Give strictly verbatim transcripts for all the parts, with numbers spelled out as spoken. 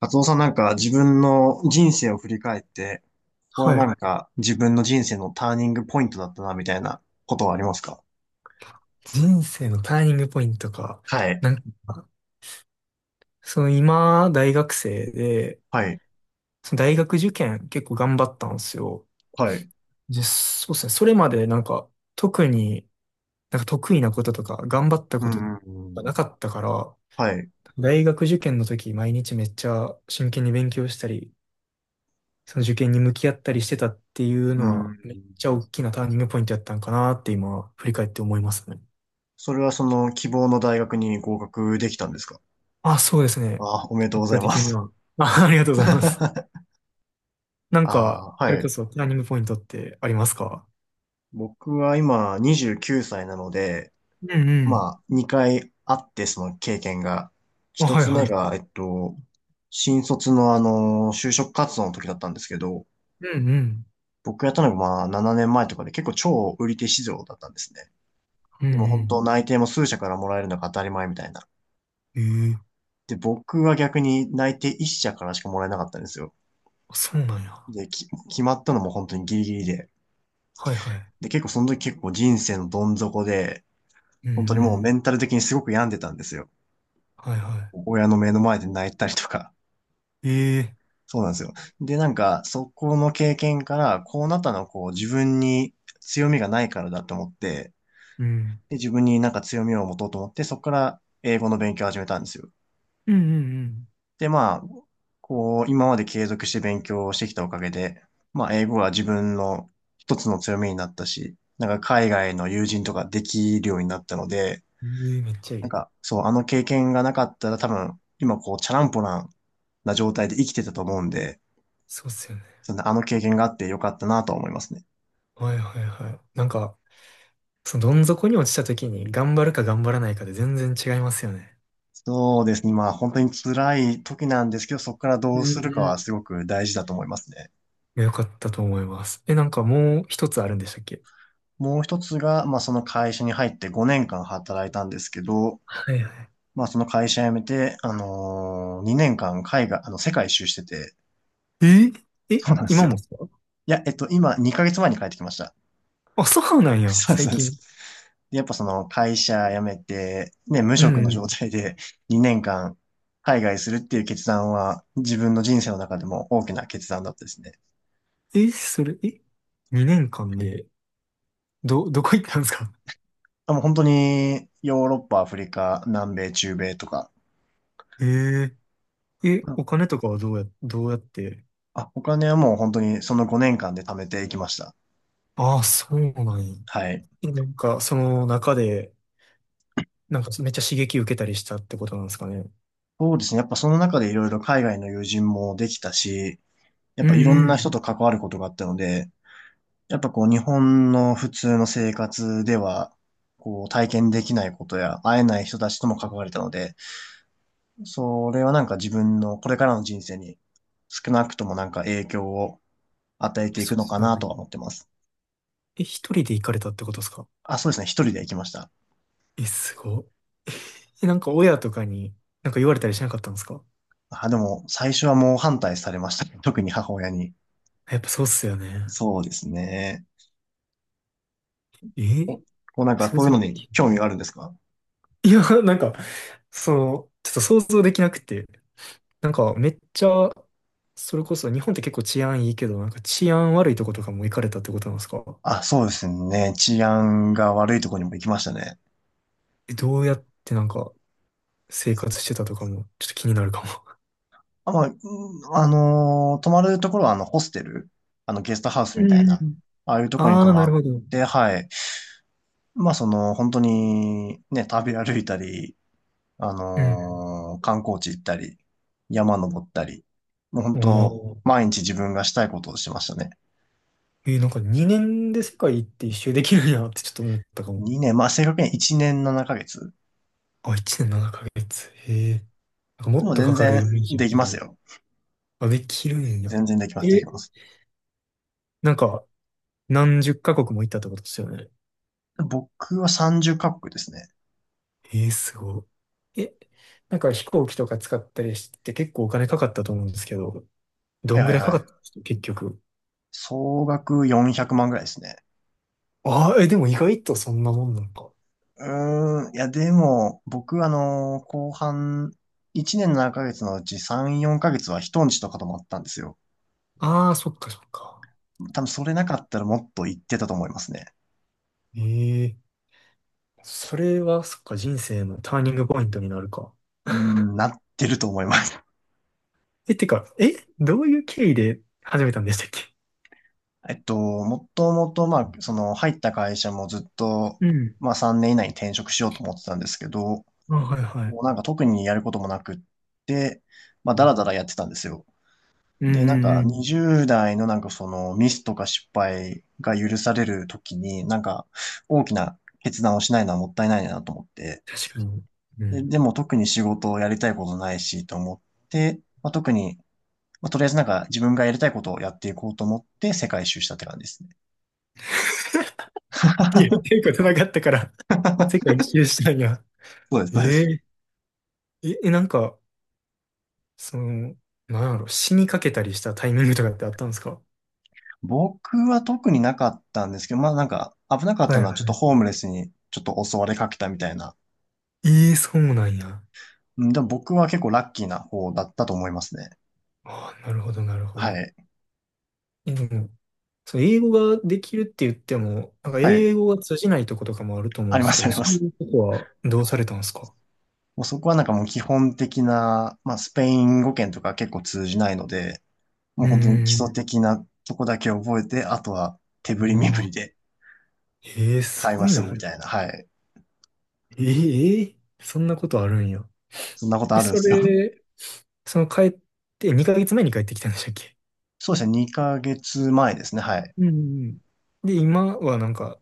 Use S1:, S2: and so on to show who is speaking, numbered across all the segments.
S1: カツオさんなんか自分の人生を振り返って、ここは
S2: はい。
S1: なんか自分の人生のターニングポイントだったな、みたいなことはありますか？
S2: 人生のターニングポイントか。
S1: はい。
S2: なんか、その今、大学生で、
S1: はい、
S2: その大学受験結構頑張ったんですよ。
S1: はい、
S2: で、そうですね。それまでなんか、特になんか得意なこととか、頑張った
S1: う
S2: こと
S1: ん、う
S2: がな
S1: ん
S2: かったから、
S1: はい、
S2: 大学受験の時、毎日めっちゃ真剣に勉強したり、その受験に向き合ったりしてたっていう
S1: う
S2: のは、
S1: ん。
S2: めっちゃ大きなターニングポイントやったんかなって今、振り返って思いますね。
S1: それはその希望の大学に合格できたんですか？
S2: あ、そうですね。
S1: あ、おめでとうご
S2: 結
S1: ざ
S2: 果
S1: いま
S2: 的に
S1: す。
S2: は。あ、ありがとうございます。なんか、
S1: あ、
S2: そ
S1: は
S2: れこ
S1: い。
S2: そプランニングポイントってありますか？
S1: 僕は今にじゅうきゅうさいなので、
S2: うんうん。
S1: まあ、にかいあって、その経験が。
S2: あ、
S1: 1
S2: はい
S1: つ
S2: は
S1: 目
S2: い。
S1: が、えっと、新卒のあの、就職活動の時だったんですけど、
S2: うんうん。
S1: 僕やったのがまあ、ななねんまえとかで結構超売り手市場だったんですね。
S2: う
S1: でも本
S2: ん
S1: 当内定も数社からもらえるのが当たり前みたいな。
S2: うん。ええ、
S1: で、僕は逆に内定いっしゃ社からしかもらえなかったんですよ。
S2: あ、そうなんや。
S1: で、き、決まったのも本当にギリギリで。
S2: はいはい。
S1: で、結構その時結構人生のどん底で、
S2: うん
S1: 本当に
S2: う
S1: もうメ
S2: ん。
S1: ンタル的にすごく病んでたんですよ。
S2: はいは
S1: 親の目の前で泣いたりとか。
S2: い。ええ、
S1: そうなんですよ。で、なんか、そこの経験から、こうなったのはこう自分に強みがないからだと思って、
S2: うん。
S1: で、自分になんか強みを持とうと思って、そこから英語の勉強を始めたんですよ。
S2: うんうん
S1: で、まあ、こう、今まで継続して勉強をしてきたおかげで、まあ、英語は自分の一つの強みになったし、なんか海外の友人とかできるようになったので、
S2: うん。ええ、めっちゃい
S1: なん
S2: い。
S1: か、そう、あの経験がなかったら多分、今こう、チャランポランな状態で生きてたと思うんで、
S2: そうっすよね。
S1: そんなあの経験があってよかったなと思いますね。
S2: はいはいはい。なんか、そのどん底に落ちた時に頑張るか頑張らないかで全然違いますよね。
S1: そうですね。まあ本当に辛い時なんですけど、そこからど
S2: う
S1: う
S2: ん
S1: するか
S2: うん。
S1: は
S2: い
S1: すごく大事だと思いますね。
S2: や、よかったと思います。え、なんかもう一つあるんでしたっけ？
S1: もう一つが、まあその会社に入ってごねんかん働いたんですけど、
S2: はいはい。
S1: まあその会社辞めて、あのー、にねんかん海外、あの、世界一周してて、
S2: ええ、
S1: そうなんです
S2: 今も
S1: よ。
S2: ですか？
S1: いや、えっと、今にかげつまえに帰ってきました。
S2: あ、そうなん や、
S1: そうです、
S2: 最
S1: そうです。
S2: 近。
S1: でやっぱその会社辞めて、ね、無
S2: う
S1: 職
S2: ん
S1: の
S2: う
S1: 状
S2: ん。
S1: 態でにねんかん海外するっていう決断は自分の人生の中でも大きな決断だったですね。
S2: え、それ、え、にねんかんで、ど、どこ行ったんですか？
S1: あ、もう本当にヨーロッパ、アフリカ、南米、中米とか。
S2: え、え
S1: う
S2: え、お
S1: ん。
S2: 金とかはどうや、どうやって。
S1: あ、お金はもう本当にそのごねんかんで貯めていきました。
S2: ああ、そうなんや。
S1: はい。
S2: え、なんか、その中で、なんかめっちゃ刺激受けたりしたってことなんですかね。
S1: そうですね。やっぱその中でいろいろ海外の友人もできたし、や
S2: う
S1: っぱいろ
S2: ん
S1: ん
S2: う
S1: な人
S2: ん。
S1: と関わることがあったので、やっぱこう日本の普通の生活では、こう体験できないことや会えない人たちとも関われたので、それはなんか自分のこれからの人生に少なくともなんか影響を与えてい
S2: そ
S1: く
S2: うで
S1: のか
S2: すよ
S1: な
S2: ね。
S1: とは思ってます。
S2: え、一人で行かれたってことですか？
S1: あ、そうですね。一人で行きました。
S2: え、すごっ。え、なんか親とかに、なんか言われたりしなかったんですか？
S1: あ、でも、最初はもう反対されましたね。特に母親に。
S2: やっぱそうっすよね。
S1: そうですね。お
S2: え、
S1: こうなんか、
S2: 想
S1: そういう
S2: 像。
S1: のに興味があるんですか？
S2: いや、なんか、その、ちょっと想像できなくて、なんかめっちゃ、それこそ日本って結構治安いいけど、なんか治安悪いとことかも行かれたってことなんですか？
S1: あ、そうですね。治安が悪いところにも行きましたね。
S2: え、どうやってなんか生活してたとかもちょっと気になるかも。
S1: あ、まあ、うん、あのー泊まるところは、あの、ホステル、あの、ゲストハウス
S2: う
S1: みたいな、
S2: ん。
S1: ああいうところに
S2: あ
S1: 泊
S2: あ、な
S1: ま
S2: る
S1: っ
S2: ほど。
S1: て、はい。まあ、その、本当に、ね、旅歩いたり、あ
S2: うん。
S1: のー観光地行ったり、山登ったり、もう
S2: お
S1: 本当、
S2: ー。
S1: 毎日自分がしたいことをしましたね。
S2: えー、なんかにねんで世界って一周できるんやってちょっと思ったかも。
S1: にねん、まあ、正確にはいちねんななかげつ。
S2: あ、いちねんななかげつ。へえ。なんかも
S1: で
S2: っ
S1: も
S2: とか
S1: 全
S2: かる
S1: 然
S2: イメージや
S1: でき
S2: け
S1: ます
S2: ど。
S1: よ。
S2: あ、できるんや。
S1: 全然できます、でき
S2: え、
S1: ます。
S2: なんか、何十カ国も行ったってことですよね。
S1: 僕はさんじゅうカ国ですね。
S2: えー、すごい。え、なんか飛行機とか使ったりして結構お金かかったと思うんですけど、ど
S1: はい
S2: ん
S1: は
S2: ぐ
S1: い
S2: らいか
S1: は
S2: かったんで
S1: い。
S2: すか結局。
S1: 総額よんひゃくまんぐらいですね。
S2: ああ、え、でも意外とそんなもんなのか。
S1: うーん、いや、でも、僕、あの、後半、いちねんななかげつのうちさん、よんかげつは人んちとか泊まったんですよ。
S2: ああ、そっかそっか。
S1: 多分それなかったらもっと行ってたと思いますね。
S2: ええ、それはそっか、人生のターニングポイントになるか。
S1: うーん、なってると思います。
S2: え、てか、え、どういう経緯で始めたんでしたっけ？
S1: えっと、もともと、まあ、その、入った会社もずっと、
S2: うん。
S1: まあさんねん以内に転職しようと思ってたんですけど、
S2: あ、はいはい。
S1: もうなんか特にやることもなくって、まあ、
S2: う
S1: だ
S2: ん
S1: らだらやってたんですよ。
S2: う
S1: で、なん
S2: ん
S1: か
S2: うん。
S1: にじゅう代のなんかそのミスとか失敗が許される時に、なんか大きな決断をしないのはもったいないなと思って、
S2: 確かに。う
S1: で、
S2: ん。
S1: でも特に仕事をやりたいことないしと思って、まあ、特に、まあ、とりあえずなんか自分がやりたいことをやっていこうと思って世界一周したって感じですね。
S2: いや、言っていう ことなかったから、世界一周したんや。
S1: そうです、そうです。
S2: え、ええ、え、なんか、その、なんやろ、死にかけたりしたタイミングとかってあったんですか？
S1: 僕は特になかったんですけど、まあなんか危なかっ
S2: は
S1: た
S2: いは
S1: のはちょっと
S2: い。
S1: ホームレスにちょっと襲われかけたみたいな。
S2: ええ、そうなんや。
S1: うん。でも僕は結構ラッキーな方だったと思いますね。
S2: ああ、なるほど、なるほど。
S1: はい。
S2: え、でも、その英語ができるって言っても、なんか
S1: は
S2: 英
S1: い。
S2: 語が通じないとことかもあると思う
S1: あ
S2: ん
S1: り
S2: で
S1: ま
S2: すけ
S1: す、あ
S2: ど、
S1: りま
S2: そう
S1: す。
S2: いうとこはどうされたんですか？
S1: もうそこはなんかもう基本的な、まあスペイン語圏とか結構通じないので、
S2: う
S1: もう本当に基
S2: ー
S1: 礎
S2: ん。
S1: 的なとこだけ覚えて、あとは手振り身
S2: ま
S1: 振り
S2: あ、
S1: で
S2: ええ、す
S1: 会
S2: ご
S1: 話
S2: い
S1: す
S2: な。
S1: るみたいな。はい。
S2: ええ、ええ、そんなことあるんや。
S1: そんなこと
S2: え、
S1: あるん
S2: そ
S1: ですよ。
S2: れ、その帰って、にかげつまえに帰ってきたんでしたっけ？
S1: そうですね。にかげつまえですね。はい。
S2: うんうん。で、今はなんか、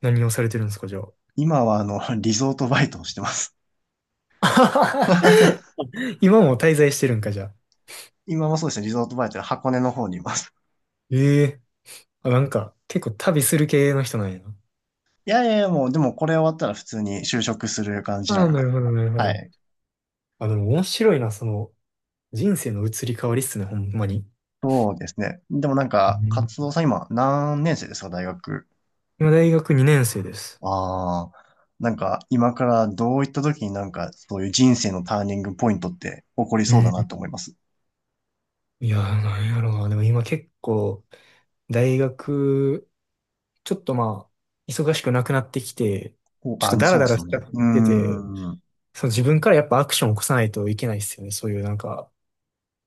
S2: 何をされてるんですか、じゃあ。
S1: 今はあの、リゾートバイトをしてます。
S2: 今も滞在してるんか、じゃあ。
S1: 今もそうですね。リゾートバイトで箱根の方にいます。
S2: ええ、あ、なんか、結構旅する系の人なんやな。
S1: いやいやいや、もうでもこれ終わったら普通に就職する感じ
S2: あ
S1: な
S2: あ、
S1: の
S2: な
S1: で。
S2: るほど、なるほ
S1: は
S2: ど。
S1: い。
S2: あ、でも面白いな、その、人生の移り変わりっすね、ほんまに。
S1: そうですね。でもなん
S2: う
S1: か、活
S2: ん、
S1: 動さん今何年生ですか、大学。
S2: 今、大学にねん生です。
S1: ああ、なんか今からどういった時になんかそういう人生のターニングポイントって起こり
S2: う
S1: そうだな
S2: ん。
S1: と思います。
S2: いやー、なんやろな。でも今結構、大学、ちょっとまあ、忙しくなくなってきて、
S1: お、
S2: ちょっと
S1: あ、
S2: ダラ
S1: そうで
S2: ダ
S1: す
S2: ラ
S1: よ
S2: しちゃ
S1: ね。
S2: っ
S1: うー
S2: てて、
S1: ん、う
S2: その自分からやっぱアクションを起こさないといけないっすよね。そういうなんか、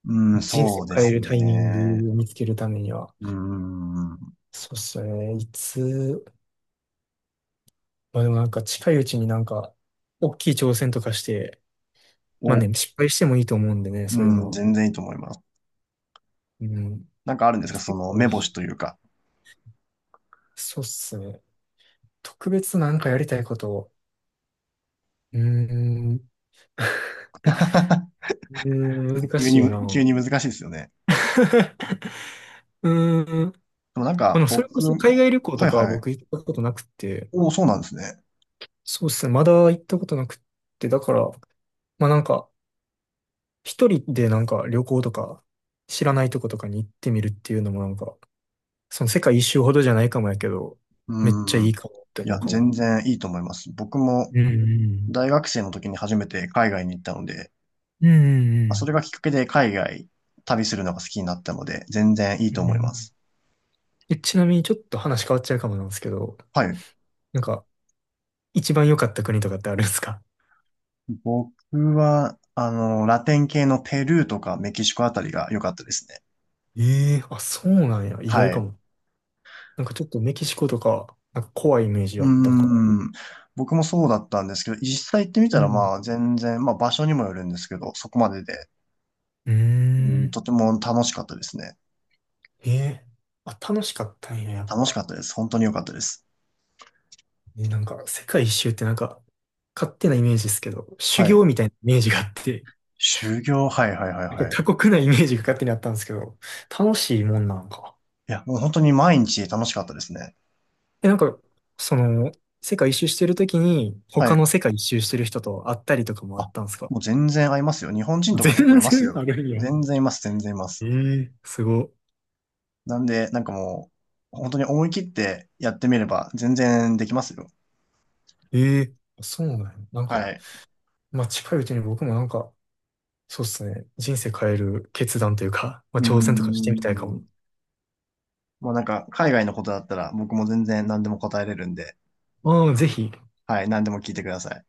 S1: ーん、
S2: 人生
S1: そ
S2: を
S1: うで
S2: 変え
S1: す
S2: るタイミン
S1: ね。
S2: グを見つけるためには、
S1: うーん、
S2: そうっすよね。いつ、まあでもなんか近いうちになんか、大きい挑戦とかして、ま
S1: お、
S2: あ
S1: う
S2: ね、失敗してもいいと思うんでね、
S1: ー
S2: そういうの
S1: ん、
S2: は。
S1: 全然いいと思います。
S2: うん。
S1: なんかあるんですか、
S2: 世
S1: その
S2: 界
S1: 目
S2: 一
S1: 星
S2: 周、
S1: というか。
S2: そうっすね。特別なんかやりたいことを。うーん。う ーん、難
S1: 急
S2: しい
S1: に、急
S2: な。
S1: に難しいですよね。
S2: うーん。
S1: でもなん
S2: あ
S1: か
S2: の、それこ
S1: 僕、
S2: そ
S1: は
S2: 海外旅行と
S1: い
S2: かは
S1: はい。
S2: 僕行ったことなくて、
S1: お、そうなんですね。
S2: そうっすね。まだ行ったことなくって、だから、まあなんか、一人でなんか旅行とか、知らないとことかに行ってみるっていうのもなんか、その世界一周ほどじゃないかもやけど、めっちゃ
S1: うん。
S2: いいかもって
S1: い
S2: 思
S1: や、
S2: うかも。
S1: 全然いいと思います。僕も
S2: うん
S1: 大学生の時に初めて海外に行ったので、
S2: うんう
S1: ま
S2: ん。う
S1: あそ
S2: ん
S1: れがきっかけで海外旅するのが好きになったので、全然いい
S2: う
S1: と
S2: ん
S1: 思
S2: う
S1: いま
S2: ん。
S1: す。
S2: え、ちなみにちょっと話変わっちゃうかもなんですけど、
S1: はい。
S2: なんか、一番良かった国とかってあるんですか？
S1: 僕は、あの、ラテン系のペルーとかメキシコあたりが良かったですね。
S2: ええー、あ、そうなんや。意外
S1: はい。
S2: か
S1: う
S2: も。なんかちょっとメキシコとか、なんか怖いイメージ
S1: ー
S2: あったから。
S1: ん。僕もそうだったんですけど、実際行ってみた
S2: う
S1: ら
S2: ん。
S1: まあ全然、まあ場所にもよるんですけど、そこまでで、
S2: うー
S1: うん、
S2: ん。
S1: とても楽しかったですね。
S2: ええ、あ、楽しかったんや、やっ
S1: 楽しか
S2: ぱ。
S1: ったです。本当に良かったです。
S2: ね、なんか、世界一周ってなんか、勝手なイメージですけど、修
S1: はい。
S2: 行みたいなイメージがあって、
S1: 修行、はいはいはい
S2: なん
S1: は
S2: か
S1: い。
S2: 過酷なイメージが勝手にあったんですけど、楽しいもんなんか。
S1: いや、もう本当に毎日楽しかったですね。
S2: え、なんか、その、世界一周してるときに、
S1: は
S2: 他の
S1: い。
S2: 世界一周してる人と会ったりとかもあ
S1: あ、
S2: ったんですか？
S1: もう全然合いますよ。日本人 とか結構
S2: 全
S1: います
S2: 然あ
S1: よ。
S2: るんや。
S1: 全然います、全然いま
S2: え
S1: す。
S2: え、すご。
S1: なんで、なんかもう、本当に思い切ってやってみれば全然できますよ。
S2: ええ、そうなんだよ。なん
S1: は
S2: か、
S1: い。
S2: まあ、近いうちに僕もなんか、そうっすね、人生変える決断というか、ま
S1: う
S2: あ、
S1: ー
S2: 挑戦とかしてみたいか
S1: ん。
S2: も。
S1: もうなんか、海外のことだったら僕も全然何でも答えれるんで、
S2: ああ、ぜひ。
S1: はい、何でも聞いてください。